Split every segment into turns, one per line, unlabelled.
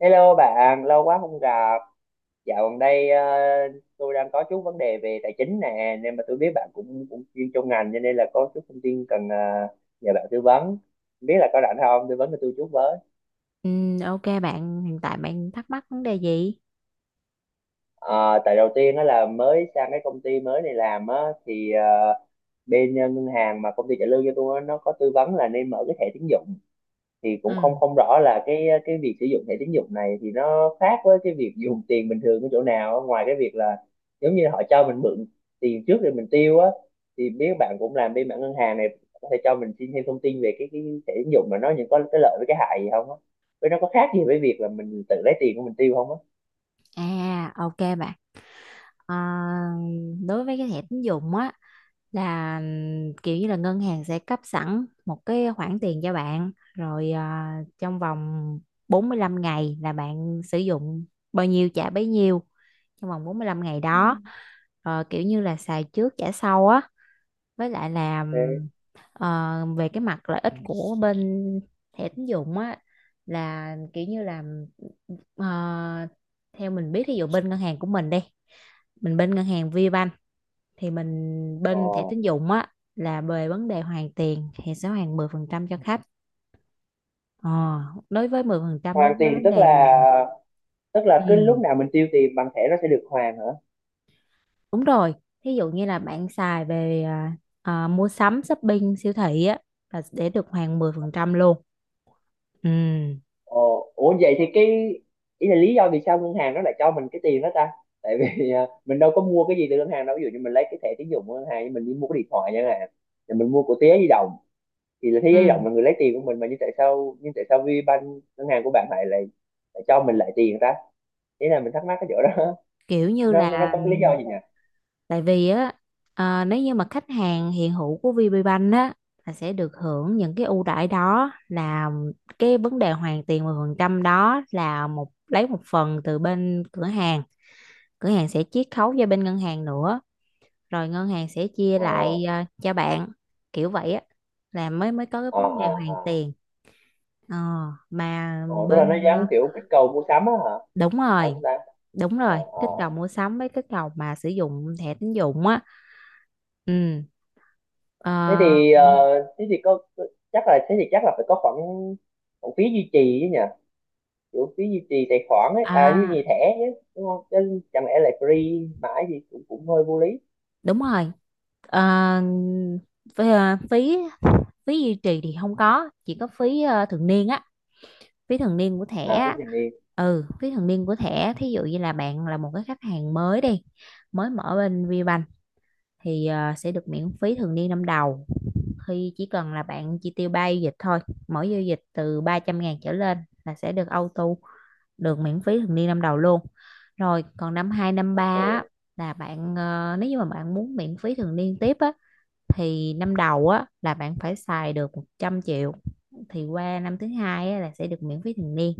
Hello bạn, lâu quá không gặp. Dạo gần đây tôi đang có chút vấn đề về tài chính nè, nên mà tôi biết bạn cũng cũng chuyên trong ngành cho nên là có chút thông tin cần nhờ bạn tư vấn. Không Biết là có rảnh không? Tư vấn cho tôi chút với.
Ừ, ok bạn, hiện tại bạn thắc mắc vấn đề gì?
Ờ, tại đầu tiên đó là mới sang cái công ty mới này làm á thì bên ngân hàng mà công ty trả lương cho tôi á, nó có tư vấn là nên mở cái thẻ tín dụng, thì cũng không
Ừ.
không rõ là cái việc sử dụng thẻ tín dụng này thì nó khác với cái việc dùng tiền bình thường ở chỗ nào, ngoài cái việc là giống như họ cho mình mượn tiền trước rồi mình tiêu á. Thì biết bạn cũng làm bên mảng ngân hàng này, có thể cho mình xin thêm thông tin về cái thẻ tín dụng mà nó những có cái lợi với cái hại gì không á, với nó có khác gì với việc là mình tự lấy tiền của mình tiêu không á.
À, ok bạn. À, đối với cái thẻ tín dụng á là kiểu như là ngân hàng sẽ cấp sẵn một cái khoản tiền cho bạn rồi trong vòng 45 ngày là bạn sử dụng bao nhiêu trả bấy nhiêu trong vòng 45 ngày
Ừ.
đó. Ờ, kiểu như là xài trước trả sau á với lại là.
Thế,
Ờ, về cái mặt lợi ích của bên thẻ tín dụng á là kiểu như là ờ, theo mình biết, ví dụ bên ngân hàng của mình đi, mình bên ngân hàng VBank, thì mình
ờ
bên thẻ tín dụng á là về vấn đề hoàn tiền thì sẽ hoàn 10% cho khách. Ờ, đối với 10%, đối
hoàn
với
tiền
vấn
tức là
đề.
cứ
Ừ,
lúc nào mình tiêu tiền bằng thẻ nó sẽ được hoàn hả?
đúng rồi, thí dụ như là bạn xài về mua sắm shopping siêu thị á là để được hoàn 10% luôn. Ừ.
Ờ, ủa vậy thì ý là lý do vì sao ngân hàng nó lại cho mình cái tiền đó ta? Tại vì à, mình đâu có mua cái gì từ ngân hàng đâu. Ví dụ như mình lấy cái thẻ tín dụng của ngân hàng, nhưng mình đi mua cái điện thoại chẳng hạn, rồi mình mua của Thế Giới Di Động, thì là Thế
Ừ.
Giới Di Động là người lấy tiền của mình mà, nhưng tại sao VPBank ngân hàng của bạn lại lại, lại cho mình lại tiền ta? Thế là mình thắc mắc cái chỗ đó.
Kiểu như
Nó
là,
có cái lý do gì nhỉ?
tại vì á, nếu như mà khách hàng hiện hữu của VPBank á là sẽ được hưởng những cái ưu đãi, đó là cái vấn đề hoàn tiền 10%, đó là lấy một phần từ bên cửa hàng, cửa hàng sẽ chiết khấu cho bên ngân hàng nữa, rồi ngân hàng sẽ chia
Ờ,
lại cho bạn, kiểu vậy á là mới mới có cái
ờ,
vấn đề
ờ,
hoàn
ờ.
tiền. ờ, mà
Ờ, tức là nó
bên
gắn
à,
kiểu kích cầu mua sắm á hả?
Đúng
Ờ,
rồi,
không ta?
đúng
Ờ,
rồi,
ờ.
kích cầu mua sắm với kích cầu mà sử dụng thẻ tín dụng á. Ừ.
thế
Ờ,
thì ờ, thế thì có thế thì chắc là phải có khoản khoản phí duy trì chứ nhỉ, kiểu phí duy trì tài khoản ấy, à duy
À,
trì thẻ chứ, đúng không, chứ chẳng lẽ lại free mãi thì cũng cũng hơi vô lý.
Đúng rồi. Ờ, ờ, phí phí duy trì thì không có, chỉ có phí thường niên á, phí thường niên của thẻ
À thế
á.
thì đi.
Ừ, phí thường niên của thẻ, thí dụ như là bạn là một cái khách hàng mới đi, mới mở bên VBank, thì sẽ được miễn phí thường niên năm đầu khi chỉ cần là bạn chi tiêu 3 giao dịch thôi, mỗi giao dịch từ 300.000 trở lên là sẽ được auto, được miễn phí thường niên năm đầu luôn. Rồi còn năm 2 năm 3
Ồ
á, nếu như mà bạn muốn miễn phí thường niên tiếp á, thì năm đầu á là bạn phải xài được 100 triệu, thì qua năm thứ hai á là sẽ được miễn phí thường niên.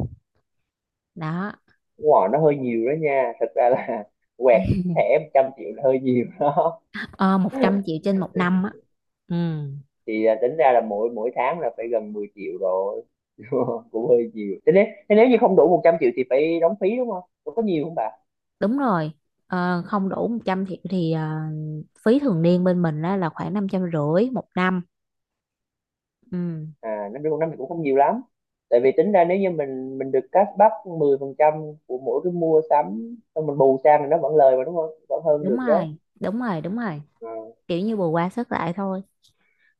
Đó,
đúng rồi nó hơi nhiều đó nha, thật ra là quẹt thẻ 100 triệu là hơi nhiều đó.
ờ, một trăm triệu trên một năm á. Ừ,
Thì à, tính ra là mỗi mỗi tháng là phải gần 10 triệu rồi. Cũng hơi nhiều. Thế nếu như không đủ 100 triệu thì phải đóng phí đúng không, có nhiều không bà?
đúng rồi. Không đủ 100 triệu thì phí thường niên bên mình á là khoảng 550 một năm. Ừ,
À năm trăm năm thì cũng không nhiều lắm, tại vì tính ra nếu như mình được cashback 10% của mỗi cái mua sắm xong mình bù sang thì nó vẫn lời mà đúng không, vẫn hơn
đúng
được chứ.
rồi, đúng rồi, đúng rồi,
Ờ.
kiểu như bù qua sức lại thôi.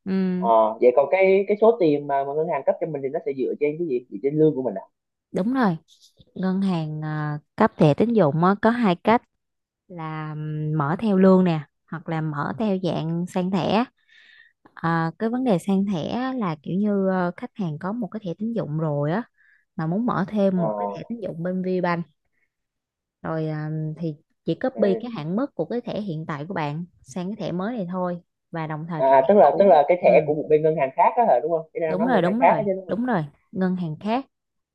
Ừ.
Ờ, vậy còn cái số tiền mà ngân hàng cấp cho mình thì nó sẽ dựa trên cái gì, dựa trên lương của mình à?
Đúng rồi, ngân hàng cấp thẻ tín dụng á có hai cách, là mở theo lương nè, hoặc là mở theo dạng sang thẻ. À, cái vấn đề sang thẻ á là kiểu như khách hàng có một cái thẻ tín dụng rồi á, mà muốn mở thêm
Ờ,
một cái thẻ tín dụng bên VBank rồi, thì chỉ copy
ok.
cái hạn mức của cái thẻ hiện tại của bạn sang cái thẻ mới này thôi, và đồng thời
À,
cái
à,
thẻ
tức là tức
cũ.
là cái thẻ
Ừ.
của một bên ngân hàng khác đó hả đúng không, cái đang
Đúng
nói
rồi,
ngân hàng
đúng
khác
rồi,
đó chứ đúng không?
đúng rồi, ngân hàng khác,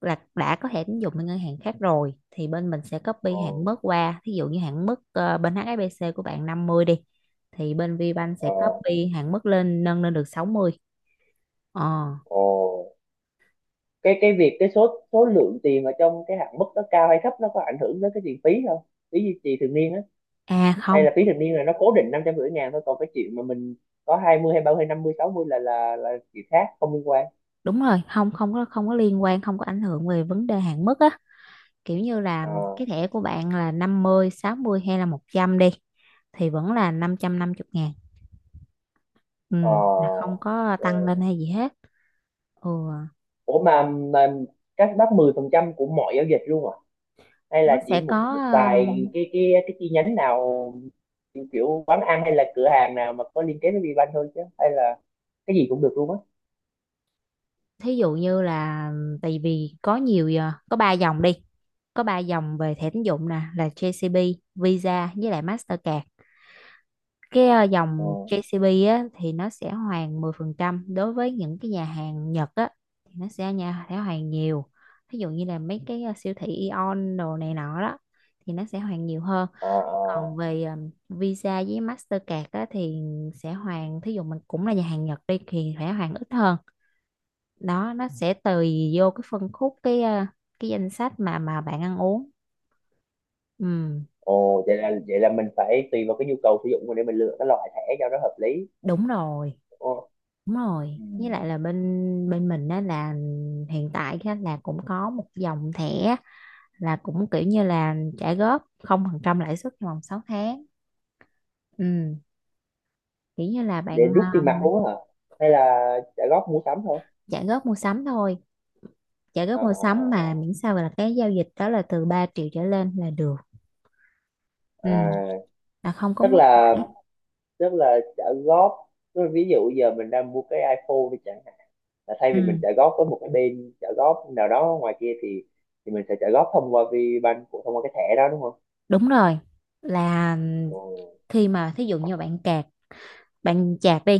là đã có thẻ tín dụng bên ngân hàng khác rồi thì bên mình sẽ copy
Ờ,
hạn mức qua, thí dụ như hạn mức bên HSBC của bạn 50 đi, thì bên VBank sẽ
ờ.
copy hạn mức nâng lên được 60. ờ
Ồ, cái việc số số lượng tiền ở trong cái hạn mức đó cao hay thấp, nó có ảnh hưởng tới cái tiền phí không, phí duy trì thường niên á? Hay
Không,
là phí thành niên là nó cố định 550 ngàn thôi, còn cái chuyện mà mình có 20 hay 30 hay 50 60 là là chuyện khác không liên quan?
đúng rồi, không, không có, không có liên quan, không có ảnh hưởng về vấn đề hạn mức á, kiểu như là
Ờ,
cái thẻ của bạn là 50, 60 hay là 100 đi thì vẫn là 550 ngàn. Ừ, là không
ờ,
có tăng
ờ.
lên hay gì hết. Ừ.
Ủa mà các bác 10% của mọi giao dịch luôn à, hay là
Nó
chỉ
sẽ có.
một một
ờ,
vài cái chi nhánh nào, kiểu quán ăn hay là cửa hàng nào mà có liên kết với VBank thôi, chứ hay là cái gì cũng được luôn á?
Thí dụ như là, tại vì có nhiều có ba dòng đi, có ba dòng về thẻ tín dụng nè, là JCB, Visa với lại Mastercard. Cái
Ờ,
dòng JCB á thì nó sẽ hoàn 10% đối với những cái nhà hàng Nhật á, thì nó sẽ nhà sẽ hoàn nhiều, ví dụ như là mấy cái siêu thị Aeon đồ này nọ đó thì nó sẽ hoàn nhiều hơn.
ờ,
Còn
ờ.
về Visa với Mastercard á, thì sẽ hoàn, thí dụ mình cũng là nhà hàng Nhật đi thì sẽ hoàn ít hơn. Đó, nó sẽ tùy vô cái phân khúc, cái cái danh sách mà bạn ăn uống. Ừ,
Ồ, vậy là mình phải tùy vào cái nhu cầu sử dụng để mình lựa cái loại thẻ cho nó hợp lý.
đúng rồi,
Ồ.
đúng rồi,
Ừ.
với lại là bên bên mình á là hiện tại á là cũng có một dòng thẻ, là cũng kiểu như là trả góp không phần trăm lãi suất trong vòng 6 tháng. Ừ, kiểu như là
Để
bạn
rút tiền mặt luôn á hả, hay là trả góp mua sắm thôi?
trả góp mua sắm thôi, trả
Ờ,
góp mua
ờ, ờ,
sắm
ờ.
mà miễn sao là cái giao dịch đó là từ 3 triệu trở lên là được. Ừ,
À,
là không có
tức
mất
là
lãi.
tức là trả góp tức là ví dụ giờ mình đang mua cái iPhone đi chẳng hạn, là thay vì mình
Ừ,
trả góp với một cái bên trả góp nào đó ngoài kia thì mình sẽ trả góp thông qua VBank, của thông qua cái thẻ đó đúng không?
đúng rồi, là
Ừ.
khi mà, thí dụ như bạn chạc đi,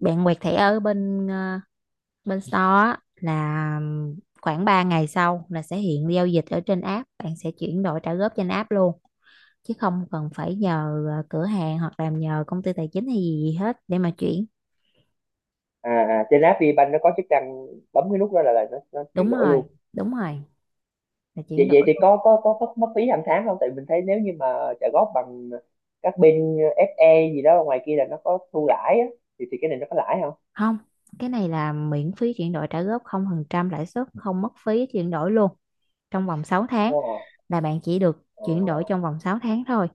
bạn quẹt thẻ ở bên store, là khoảng 3 ngày sau là sẽ hiện giao dịch ở trên app, bạn sẽ chuyển đổi trả góp trên app luôn, chứ không cần phải nhờ cửa hàng, hoặc làm nhờ công ty tài chính hay gì hết để mà chuyển.
À, à trên app VBank nó có chức năng bấm cái nút đó là nó chuyển
Đúng
đổi
rồi,
luôn.
đúng rồi, là chuyển
vậy
đổi
vậy thì
luôn.
có có mất mất phí hàng tháng không, tại mình thấy nếu như mà trả góp bằng các bên FE gì đó ngoài kia là nó có thu lãi á, thì cái này nó có lãi không?
Không, cái này là miễn phí chuyển đổi trả góp không phần trăm lãi suất, không mất phí chuyển đổi luôn, trong vòng 6 tháng.
Wow.
Là bạn chỉ được
Ờ.
chuyển đổi trong vòng 6 tháng thôi.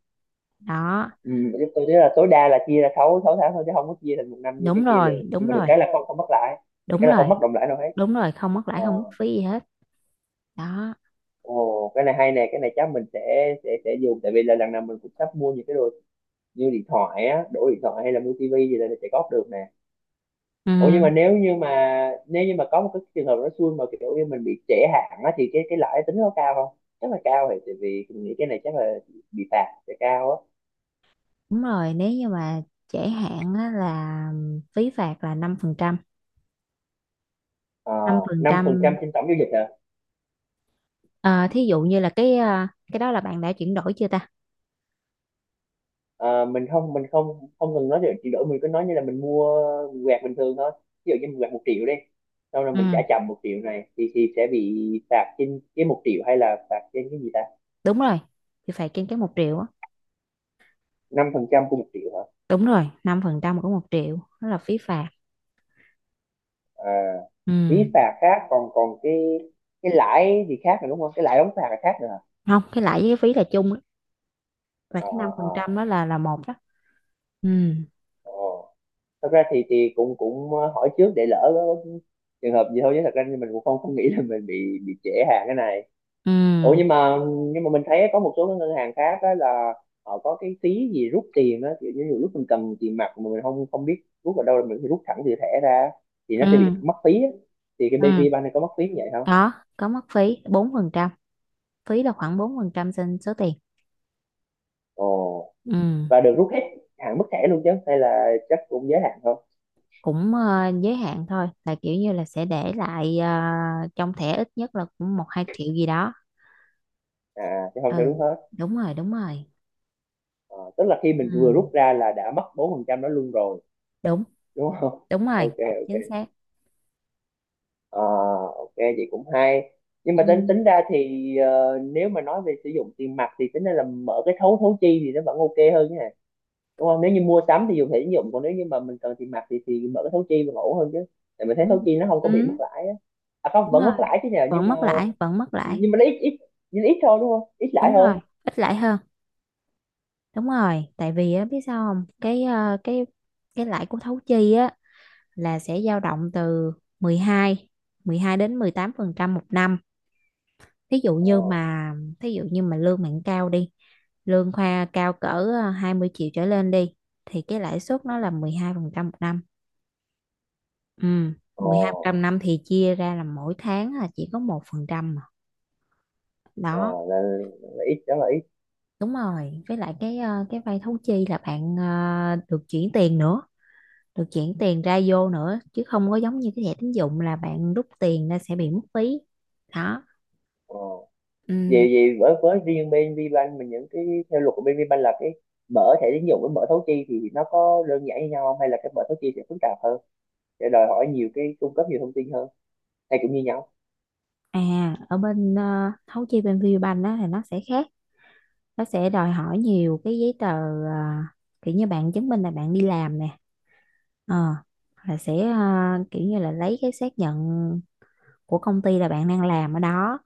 Đó,
Ừ, chứ tôi thấy là tối đa là chia ra 6 6 tháng thôi chứ không có chia thành một năm như
đúng
cái kia
rồi,
được, nhưng
đúng
mà được
rồi,
cái là không không mất lãi, được
đúng
cái là không
rồi,
mất đồng lãi đâu hết.
đúng rồi, không mất lãi,
Ờ.
không mất phí gì hết. Đó.
Ồ, cái này hay nè, cái này chắc mình sẽ dùng tại vì là lần nào mình cũng sắp mua những cái đồ như điện thoại á, đổi điện thoại hay là mua tivi gì là sẽ góp được nè. Ủa nhưng mà
Ừ,
nếu như mà có một cái trường hợp nó xui mà kiểu như mình bị trễ hạn á thì cái lãi tính nó cao không? Chắc là cao, thì tại vì mình nghĩ cái này chắc là bị phạt sẽ cao á.
đúng rồi, nếu như mà trễ hạn á, là phí phạt là
Ờ, năm phần trăm
5%.
trên tổng giao dịch hả?
Thí dụ như là cái, cái đó là bạn đã chuyển đổi chưa ta.
Ờ, mình không không cần nói về chuyển đổi, mình cứ nói như là mình mua quẹt bình thường thôi. Ví dụ như mình quẹt 1 triệu đi, sau rồi mình trả
Ừ,
chậm 1 triệu này thì sẽ bị phạt trên cái 1 triệu hay là phạt trên cái gì ta?
đúng rồi, thì phạt trên cái một triệu á.
5% của một triệu hả?
Đúng rồi, 5% của một triệu đó là phí phạt.
À, phí
Ừ.
phạt khác còn còn cái lãi gì khác nữa đúng không, cái lãi đóng phạt là khác nữa hả?
Không, cái lãi với cái phí là chung á, và
À,
cái
ờ,
năm phần
ờ.
trăm đó là một đó. Ừ,
Ờ thật ra thì cũng cũng hỏi trước để lỡ có trường hợp gì thôi, chứ thật ra thì mình cũng không không nghĩ là mình bị trễ hàng cái này. Ủa
ừ,
nhưng mà mình thấy có một số cái ngân hàng khác đó là họ có cái phí gì rút tiền đó, kiểu như nhiều lúc mình cầm tiền mặt mà mình không không biết rút vào đâu là mình phải rút thẳng từ thẻ ra, thì nó sẽ bị
ừ,
mất phí á. Thì cái BV
ừ.
Bank này có mất phí như vậy không?
Đó, có mất phí 4%, phí là khoảng 4% trên số tiền.
Ồ,
Ừ,
và được rút hết hạn mức thẻ luôn chứ, hay là chắc cũng giới hạn thôi?
cũng giới hạn thôi, là kiểu như là sẽ để lại trong thẻ ít nhất là cũng một hai triệu gì đó.
À chứ không cho
Ừ,
rút hết.
đúng rồi, đúng rồi.
Ờ, tức là khi mình vừa
Ừ,
rút ra là đã mất 4% đó luôn rồi
đúng
đúng không?
đúng rồi,
Ok.
chính
Ok.
xác.
Ờ, ok vậy cũng hay, nhưng mà
Ừ,
tính tính ra thì nếu mà nói về sử dụng tiền mặt thì tính ra là mở cái thấu thấu chi thì nó vẫn ok hơn nha, đúng không, nếu như mua sắm thì dùng thẻ tín dụng, còn nếu như mà mình cần tiền mặt thì mở cái thấu chi vẫn ổn hơn chứ, tại mình thấy thấu
đúng,
chi nó không có bị mất
ừ,
lãi á. À không
đúng
vẫn
rồi,
mất lãi chứ nhờ, nhưng
vẫn
mà
mất lãi, vẫn mất lãi.
nó ít ít nhưng ít thôi đúng không, ít lãi
Đúng
hơn.
rồi, ít lãi hơn. Đúng rồi, tại vì á, biết sao không, cái cái lãi của thấu chi á là sẽ dao động từ mười hai 12 đến 18% một năm. Thí dụ
Ờ,
như mà, lương bạn cao đi, lương khoa cao cỡ 20 triệu trở lên đi, thì cái lãi suất nó là 12% một năm. Ừ,
ờ,
12% năm thì chia ra là mỗi tháng là chỉ có 1% mà.
ờ.
Đó,
là, là ít đó là ít.
đúng rồi, với lại cái cái vay thấu chi là bạn được chuyển tiền nữa, được chuyển tiền ra vô nữa, chứ không có giống như cái thẻ tín dụng là bạn rút tiền ra sẽ bị mất phí. Đó.
Ờ vì
Ừ.
vì với riêng bên VBank mình, những cái theo luật của bên VBank là mở thẻ tín dụng với mở thấu chi thì nó có đơn giản như nhau không, hay là cái mở thấu chi sẽ phức tạp hơn, sẽ đòi hỏi nhiều cái cung cấp nhiều thông tin hơn, hay cũng như nhau?
Ở thấu chi bên VPBank á thì nó sẽ khác, nó sẽ đòi hỏi nhiều cái giấy tờ. à, Kiểu như bạn chứng minh là bạn đi làm nè, ờ là sẽ, kiểu như là lấy cái xác nhận của công ty là bạn đang làm ở đó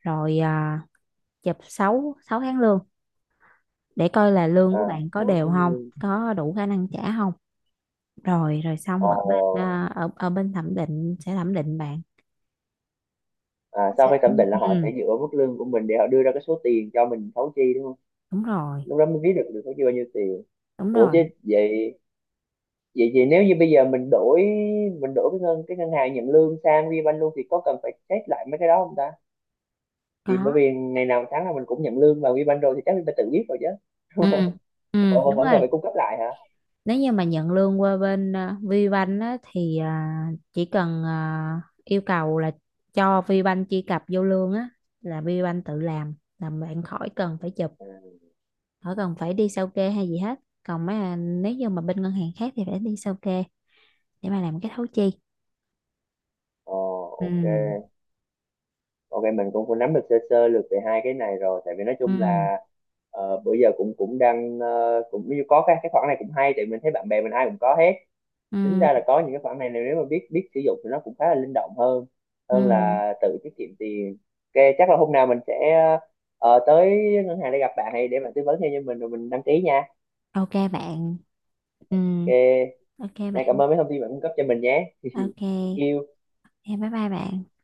rồi, chụp 6 sáu tháng lương để coi là lương
À
của bạn có
nó
đều
cũng
không,
như...
có đủ khả năng trả không. Rồi rồi
Ồ.
xong ở bên, ở bên thẩm định sẽ thẩm định bạn.
À, sau khi thẩm định là họ sẽ
Ừ,
dựa vào mức lương của mình để họ đưa ra cái số tiền cho mình thấu chi đúng không?
đúng rồi,
Lúc đó mới biết được được thấu chi bao nhiêu tiền.
đúng
Ủa
rồi,
chứ vậy, vậy thì nếu như bây giờ mình đổi cái ngân hàng nhận lương sang VBank luôn thì có cần phải check lại mấy cái đó không ta,
có.
thì bởi vì ngày nào tháng nào mình cũng nhận lương vào WeBank rồi thì chắc mình phải tự biết rồi chứ.
Ừ, ừ,
vẫn
đúng
vẫn cần
rồi,
phải cung cấp lại hả?
nếu như mà nhận lương qua bên VBank á, thì chỉ cần yêu cầu là cho VBank truy cập vô lương á, là VBank tự làm, là bạn khỏi cần phải chụp,
À,
khỏi cần phải đi sao kê hay gì hết. Còn mấy, nếu như mà bên ngân hàng khác thì phải đi sao kê để mà làm cái thấu chi.
ồ,
Ừ,
ok. Ok mình cũng cũng nắm được sơ sơ lược về hai cái này rồi, tại vì nói chung
ừ,
là bữa giờ cũng cũng đang cũng như có cái khoản này cũng hay, tại mình thấy bạn bè mình ai cũng có hết,
ừ,
tính ra là có những cái khoản này nếu mà biết biết sử dụng thì nó cũng khá là linh động hơn, hơn
ừ,
là tự tiết kiệm tiền. Ok chắc là hôm nào mình sẽ tới ngân hàng để gặp bạn hay để bạn tư vấn thêm cho mình rồi mình đăng ký nha.
ok bạn. Ừ,
Ok,
ok
này cảm
bạn.
ơn mấy thông tin bạn cung cấp cho mình nhé.
Ok,
Yêu
em bye bye bạn.